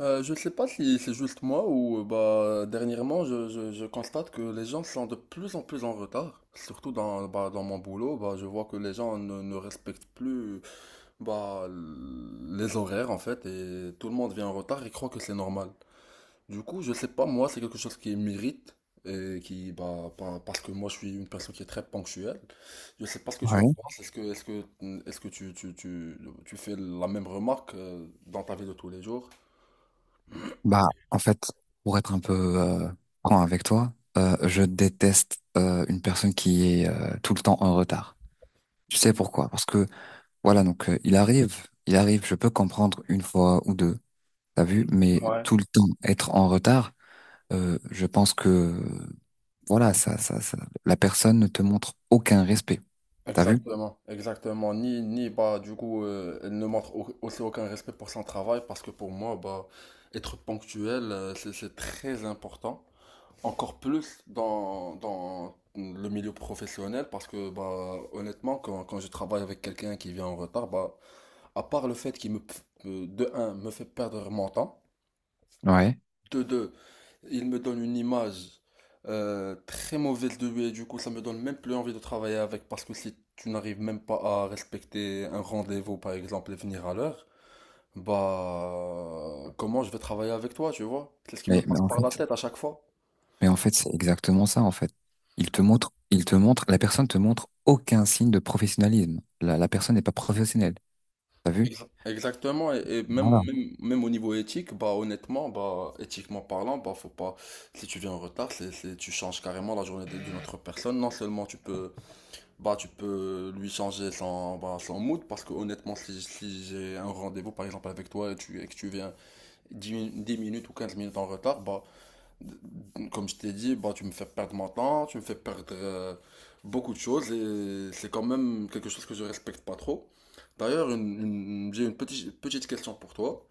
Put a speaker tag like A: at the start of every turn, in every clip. A: Je ne sais pas si c'est juste moi ou bah dernièrement je constate que les gens sont de plus en plus en retard. Surtout bah, dans mon boulot, bah, je vois que les gens ne respectent plus bah, les horaires en fait et tout le monde vient en retard et croit que c'est normal. Du coup, je sais pas, moi c'est quelque chose qui m'irrite et qui bah, parce que moi je suis une personne qui est très ponctuelle. Je sais pas ce que tu en
B: Ouais,
A: penses. Est-ce que tu fais la même remarque dans ta vie de tous les jours?
B: bah en fait, pour être un peu euh, franc avec toi, je déteste une personne qui est tout le temps en retard. Tu sais pourquoi? Parce que voilà, donc il arrive, je peux comprendre une fois ou deux, t'as vu, mais
A: Ouais.
B: tout le temps être en retard, je pense que voilà, ça, la personne ne te montre aucun respect, t'as vu?
A: Exactement, exactement. Ni bah du coup elle ne montre aussi aucun respect pour son travail parce que pour moi bah être ponctuel c'est très important. Encore plus dans le milieu professionnel parce que bah honnêtement quand je travaille avec quelqu'un qui vient en retard bah à part le fait de un me fait perdre mon temps
B: Ouais.
A: de deux, il me donne une image très mauvaise de lui et du coup ça me donne même plus envie de travailler avec parce que si tu n'arrives même pas à respecter un rendez-vous par exemple et venir à l'heure, bah comment je vais travailler avec toi, tu vois? C'est ce qui me
B: Mais
A: passe
B: en
A: par
B: fait,
A: la tête à chaque fois.
B: C'est exactement ça, en fait. Il te montre, la personne te montre aucun signe de professionnalisme. La personne n'est pas professionnelle. T'as vu?
A: Exactement, et même,
B: Voilà,
A: même, même au niveau éthique, bah honnêtement, bah éthiquement parlant, bah faut pas, si tu viens en retard, tu changes carrément la journée d'une autre personne, non seulement tu peux. Bah, tu peux lui changer son, bah, son mood parce que honnêtement, si j'ai un rendez-vous par exemple avec toi et, et que tu viens 10 minutes ou 15 minutes en retard, bah, comme je t'ai dit, bah, tu me fais perdre mon temps, tu me fais perdre beaucoup de choses et c'est quand même quelque chose que je respecte pas trop. D'ailleurs, j'ai une petite, petite question pour toi.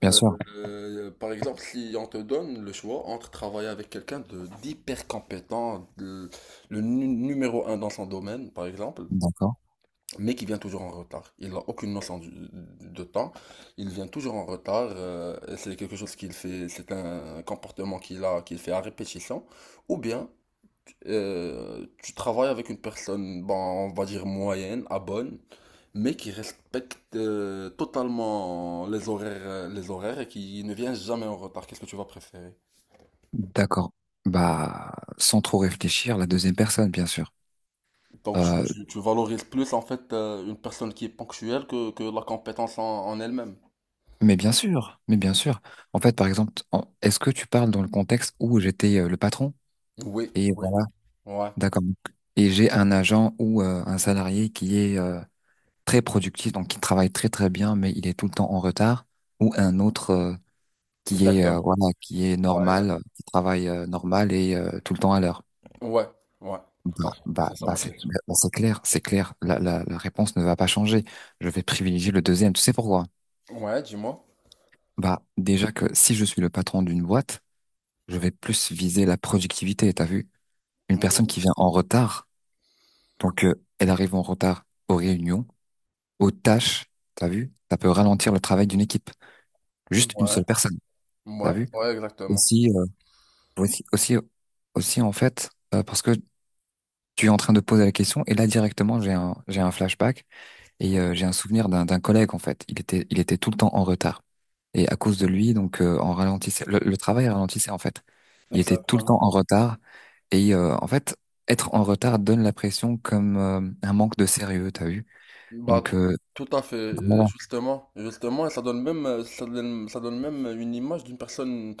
B: bien
A: Euh,
B: sûr.
A: par exemple, si on te donne le choix entre travailler avec quelqu'un de d'hyper compétent, le numéro un dans son domaine, par exemple,
B: D'accord.
A: mais qui vient toujours en retard. Il n'a aucune notion de temps, il vient toujours en retard, c'est quelque chose qu'il fait, c'est un comportement qu'il a, qu'il fait à répétition, ou bien tu travailles avec une personne, bon, on va dire moyenne, à bonne, mais qui respecte totalement les horaires, les horaires et qui ne vient jamais en retard. Qu'est-ce que tu vas préférer?
B: D'accord. Bah, sans trop réfléchir, la deuxième personne, bien sûr.
A: Donc tu,
B: Euh,
A: tu- tu valorises plus en fait une personne qui est ponctuelle que la compétence en elle-même.
B: mais bien sûr, mais bien sûr. En fait, par exemple, est-ce que tu parles dans le contexte où j'étais le patron?
A: Oui,
B: Et
A: oui,
B: voilà,
A: ouais.
B: d'accord. Et j'ai un agent ou un salarié qui est très productif, donc qui travaille très très bien, mais il est tout le temps en retard, ou un autre. Qui est
A: Exactement.
B: voilà, qui est
A: Ouais,
B: normal,
A: exact.
B: qui travaille normal et tout le temps à l'heure.
A: Ouais, ouais, tout à fait. C'est ça ma question.
B: C'est clair, c'est clair. La réponse ne va pas changer. Je vais privilégier le deuxième. Tu sais pourquoi?
A: Ouais, dis-moi.
B: Bah, déjà que si je suis le patron d'une boîte, je vais plus viser la productivité, t'as vu? Une personne
A: Oui.
B: qui vient en retard, donc elle arrive en retard aux réunions, aux tâches, t'as vu? Ça peut ralentir le travail d'une équipe. Juste une
A: Ouais,
B: seule personne, t'as
A: ouais,
B: vu?
A: ouais, exactement.
B: Aussi, euh, aussi, aussi, Aussi en fait, parce que tu es en train de poser la question et là directement j'ai un flashback et j'ai un souvenir d'un collègue en fait. Il était tout le temps en retard et à cause de lui donc on ralentissait le travail ralentissait en fait. Il était tout le temps
A: Exactement.
B: en retard et en fait être en retard donne la pression comme un manque de sérieux t'as vu.
A: Bah,
B: Donc euh,
A: tout à fait,
B: voilà,
A: justement, justement, et ça donne même une image d'une personne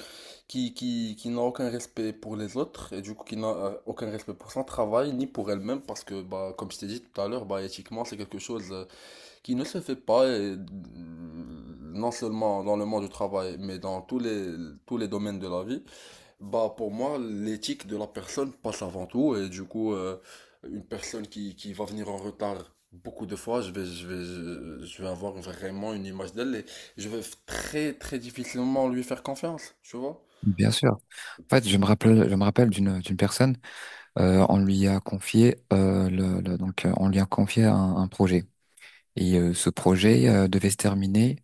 A: qui n'a aucun respect pour les autres, et du coup qui n'a aucun respect pour son travail, ni pour elle-même, parce que, bah, comme je t'ai dit tout à l'heure, bah, éthiquement, c'est quelque chose qui ne se fait pas, et, non seulement dans le monde du travail, mais dans tous les domaines de la vie, bah pour moi, l'éthique de la personne passe avant tout. Et du coup, une personne qui va venir en retard beaucoup de fois, je vais avoir vraiment une image d'elle et je vais très, très difficilement lui faire confiance, tu vois?
B: bien sûr. En fait je me rappelle d'une personne on lui a confié donc on lui a confié un projet et ce projet devait se terminer.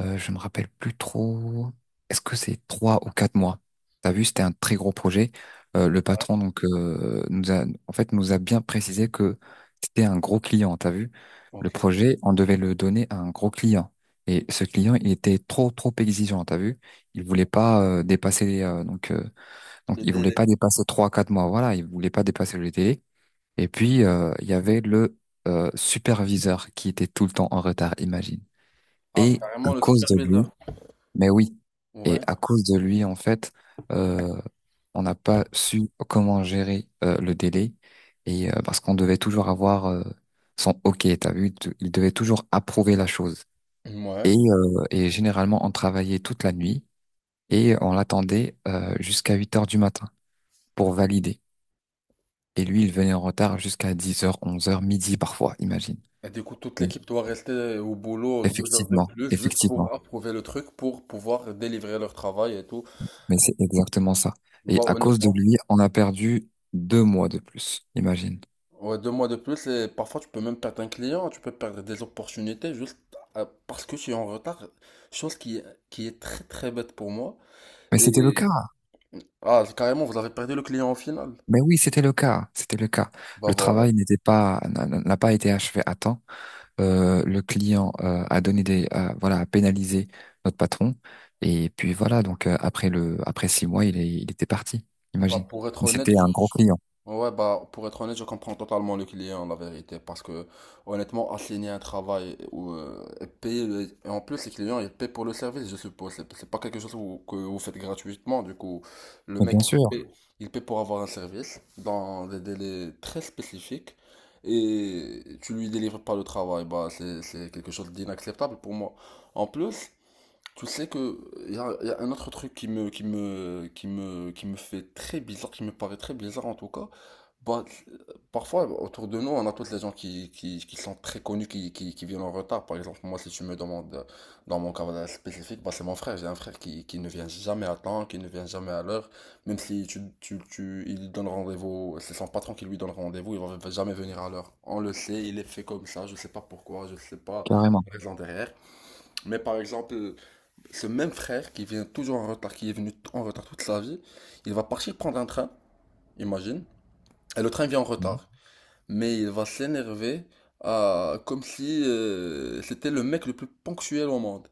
B: Je me rappelle plus trop. Est-ce que c'est 3 ou 4 mois? T'as vu, c'était un très gros projet. Le patron donc nous a, en fait, nous a bien précisé que c'était un gros client. T'as vu, le
A: Ok.
B: projet, on devait le donner à un gros client. Et ce client, il était trop trop exigeant. T'as vu, il voulait pas dépasser donc
A: Les
B: il voulait
A: délais.
B: pas dépasser 3 4 mois. Voilà, il voulait pas dépasser le délai. Et puis il y avait le superviseur qui était tout le temps en retard. Imagine.
A: Ah, c'est
B: Et à
A: carrément le
B: cause de lui.
A: superviseur.
B: Mais oui, et
A: Ouais.
B: à cause de lui, en fait, euh, on n'a pas su comment gérer le délai, et parce qu'on devait toujours avoir son OK, t'as vu, il devait toujours approuver la chose.
A: Ouais.
B: Et généralement, on travaillait toute la nuit et on l'attendait jusqu'à 8 heures du matin pour valider. Et lui, il venait en retard jusqu'à 10 heures, 11 heures, midi parfois, imagine.
A: Et du coup, toute
B: Donc,
A: l'équipe doit rester au boulot 2 heures de
B: Effectivement,
A: plus juste pour
B: effectivement.
A: approuver le truc, pour pouvoir délivrer leur travail et tout.
B: Mais c'est exactement ça. Et
A: Bah,
B: à cause de
A: honnêtement,
B: lui, on a perdu 2 mois de plus, imagine.
A: ouais, 2 mois de plus, et parfois tu peux même perdre un client, tu peux perdre des opportunités juste parce que tu es en retard. Chose qui est très très bête pour moi.
B: Mais c'était le cas.
A: Et ah, carrément, vous avez perdu le client au final.
B: Mais oui, c'était le cas. C'était le cas.
A: Bah
B: Le
A: voilà.
B: travail n'a pas été achevé à temps. Le client a donné des, voilà, a pénalisé notre patron. Et puis voilà. Donc après après 6 mois, il était parti.
A: Bah,
B: Imagine.
A: pour être
B: Et
A: honnête,
B: c'était un gros client.
A: ouais, bah, pour être honnête, je comprends totalement le client, la vérité, parce que, honnêtement, assigner un travail ou et payer, et en plus, les clients, ils paient pour le service, je suppose. C'est pas quelque chose que vous faites gratuitement, du coup, le
B: Mais
A: mec,
B: bien sûr,
A: il paie pour avoir un service dans des délais très spécifiques et tu lui délivres pas le travail, bah, c'est quelque chose d'inacceptable pour moi. En plus, tu sais que y a un autre truc qui me fait très bizarre, qui me paraît très bizarre en tout cas, bah, parfois, autour de nous, on a toutes les gens qui sont très connus, qui viennent en retard. Par exemple, moi, si tu me demandes dans mon cas spécifique, bah, c'est mon frère. J'ai un frère qui ne vient jamais à temps, qui ne vient jamais à l'heure. Même si il lui donne rendez-vous, c'est son patron qui lui donne rendez-vous, il va jamais venir à l'heure. On le sait, il est fait comme ça. Je sais pas pourquoi, je sais pas
B: carrément,
A: la raison derrière. Mais par exemple, ce même frère qui vient toujours en retard, qui est venu en retard toute sa vie, il va partir prendre un train, imagine, et le train vient en
B: mhm,
A: retard mais il va s'énerver comme si c'était le mec le plus ponctuel au monde.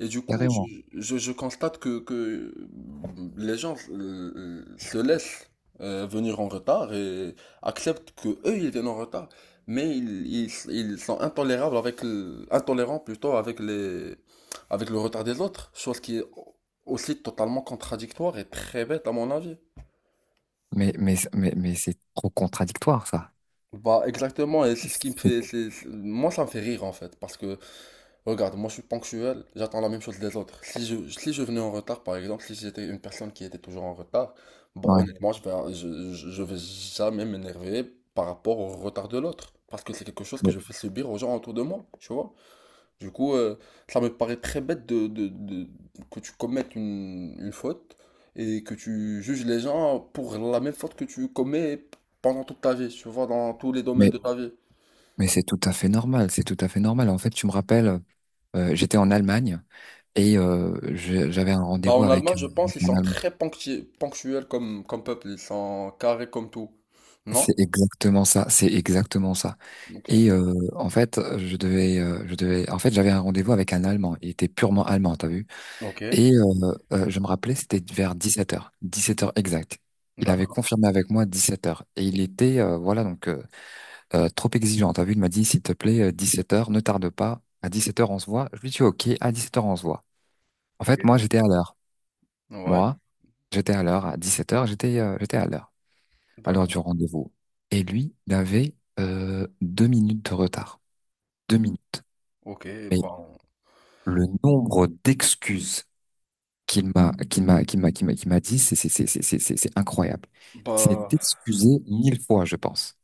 A: Et du coup, je,
B: carrément.
A: je- je constate que les gens se laissent venir en retard et acceptent que eux ils viennent en retard, mais ils sont intolérables intolérants plutôt avec les avec le retard des autres, chose qui est aussi totalement contradictoire et très bête à mon avis.
B: Mais c'est trop contradictoire ça.
A: Bah exactement, et c'est ce qui me
B: C'est-
A: fait, moi ça me fait rire en fait, parce que regarde, moi je suis ponctuel, j'attends la même chose des autres. Si je venais en retard, par exemple, si j'étais une personne qui était toujours en retard, bon,
B: Ouais.
A: honnêtement, je vais jamais m'énerver par rapport au retard de l'autre. Parce que c'est quelque chose que
B: Mais,
A: je fais subir aux gens autour de moi, tu vois. Du coup, ça me paraît très bête que tu commettes une faute et que tu juges les gens pour la même faute que tu commets pendant toute ta vie, tu vois, dans tous les domaines
B: mais
A: de ta vie.
B: Mais c'est tout à fait normal, c'est tout à fait normal. En fait, tu me rappelles, j'étais en Allemagne et j'avais un
A: Bah
B: rendez-vous
A: en
B: avec
A: Allemagne, je pense ils
B: un
A: sont
B: Allemand.
A: très ponctuels comme peuple, ils sont carrés comme tout. Non?
B: C'est exactement ça, c'est exactement ça.
A: Ok.
B: Et en fait, je devais, en fait, j'avais un rendez-vous avec un Allemand. Il était purement allemand, t'as vu?
A: Ok.
B: Et je me rappelais, c'était vers 17 h, 17 heures exact. Il avait
A: D'accord.
B: confirmé avec moi 17 heures. Et il était, voilà, trop exigeant. T'as vu? Il m'a dit, s'il te plaît, 17 heures, ne tarde pas. À 17 heures, on se voit. Je lui dis, OK, à 17 heures, on se voit. En
A: Ok.
B: fait, moi, j'étais à l'heure.
A: Ouais.
B: Moi, j'étais à l'heure. À 17 heures. J'étais j'étais à l'heure. À l'heure
A: D'accord.
B: du rendez-vous. Et lui, il avait 2 minutes de retard. 2 minutes.
A: Ok.
B: Mais
A: Bon.
B: le nombre d'excuses qu'il m'a dit, c'est incroyable. C'est
A: Bah,
B: excusé 1 000 fois, je pense.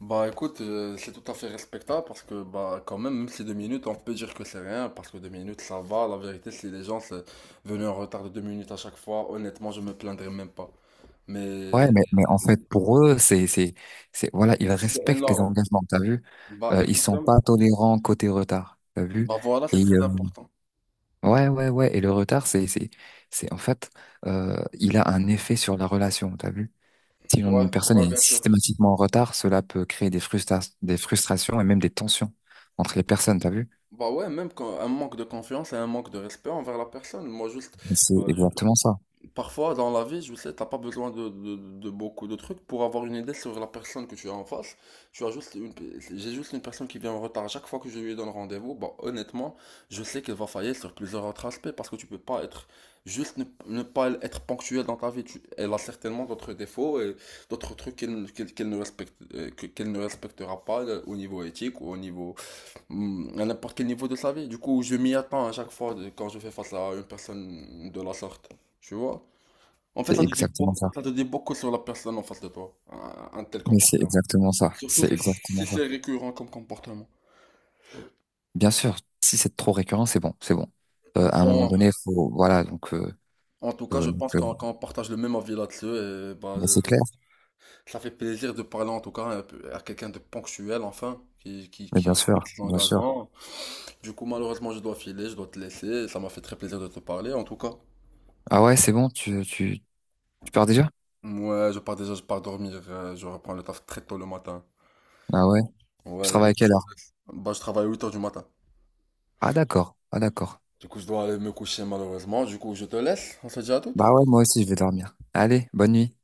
A: bah, écoute, c'est tout à fait respectable parce que bah quand même, même si 2 minutes, on peut dire que c'est rien, parce que 2 minutes ça va. La vérité, si les gens sont venus en retard de 2 minutes à chaque fois, honnêtement, je me plaindrais même pas.
B: Ouais,
A: Mais
B: mais en fait, pour eux, c'est voilà, ils
A: c'est
B: respectent les
A: énorme.
B: engagements. T'as vu?
A: Bah
B: Ils sont
A: exactement.
B: pas tolérants côté retard. T'as vu?
A: Bah voilà, c'est
B: Et
A: très important.
B: ouais, ouais, ouais. Et le retard, en fait, il a un effet sur la relation, t'as vu? Si
A: Ouais,
B: une personne
A: ouais,
B: est
A: bien sûr.
B: systématiquement en retard, cela peut créer des des frustrations et même des tensions entre les personnes, t'as vu?
A: Bah ouais, même quand un manque de confiance et un manque de respect envers la personne. Moi, juste,
B: C'est
A: euh,
B: exactement ça.
A: parfois dans la vie, je sais, t'as pas besoin de beaucoup de trucs pour avoir une idée sur la personne que tu as en face. Tu as juste une, j'ai juste une personne qui vient en retard chaque fois que je lui donne rendez-vous. Bah, honnêtement, je sais qu'elle va faillir sur plusieurs autres aspects parce que tu peux pas être, juste ne pas être ponctuel dans ta vie. Elle a certainement d'autres défauts et d'autres trucs qu'elle ne respecte, qu'elle ne respectera pas au niveau éthique ou au niveau à n'importe quel niveau de sa vie. Du coup, je m'y attends à chaque fois quand je fais face à une personne de la sorte. Tu vois? En fait,
B: C'est
A: ça te dit
B: exactement
A: beaucoup,
B: ça.
A: ça te dit beaucoup sur la personne en face de toi, un tel
B: Mais c'est
A: comportement.
B: exactement ça.
A: Surtout
B: C'est
A: si,
B: exactement
A: si
B: ça.
A: c'est récurrent comme comportement.
B: Bien sûr, si c'est trop récurrent, c'est bon, c'est bon. À un moment
A: Bon,
B: donné, faut, voilà,
A: en tout cas,
B: euh,
A: je
B: donc,
A: pense
B: euh,
A: qu'on partage le même avis là-dessus et bah,
B: mais c'est clair.
A: ça fait plaisir de parler en tout cas un peu à quelqu'un de ponctuel enfin, qui, qui,
B: Mais
A: qui
B: bien
A: respecte
B: sûr,
A: ses
B: bien sûr.
A: engagements. Du coup, malheureusement, je dois filer, je dois te laisser. Ça m'a fait très plaisir de te parler en tout cas.
B: Ah ouais, c'est bon, tu pars déjà?
A: Ouais, je pars déjà, je pars dormir, je reprends le taf très tôt le matin.
B: Ah ouais. Tu
A: Ouais, du
B: travailles à
A: coup,
B: quelle
A: je te
B: heure?
A: laisse. Bah, je travaille 8 heures du matin.
B: Ah d'accord, ah d'accord.
A: Du coup, je dois aller me coucher malheureusement. Du coup, je te laisse. On se dit à toutes.
B: Bah ouais, moi aussi, je vais dormir. Allez, bonne nuit.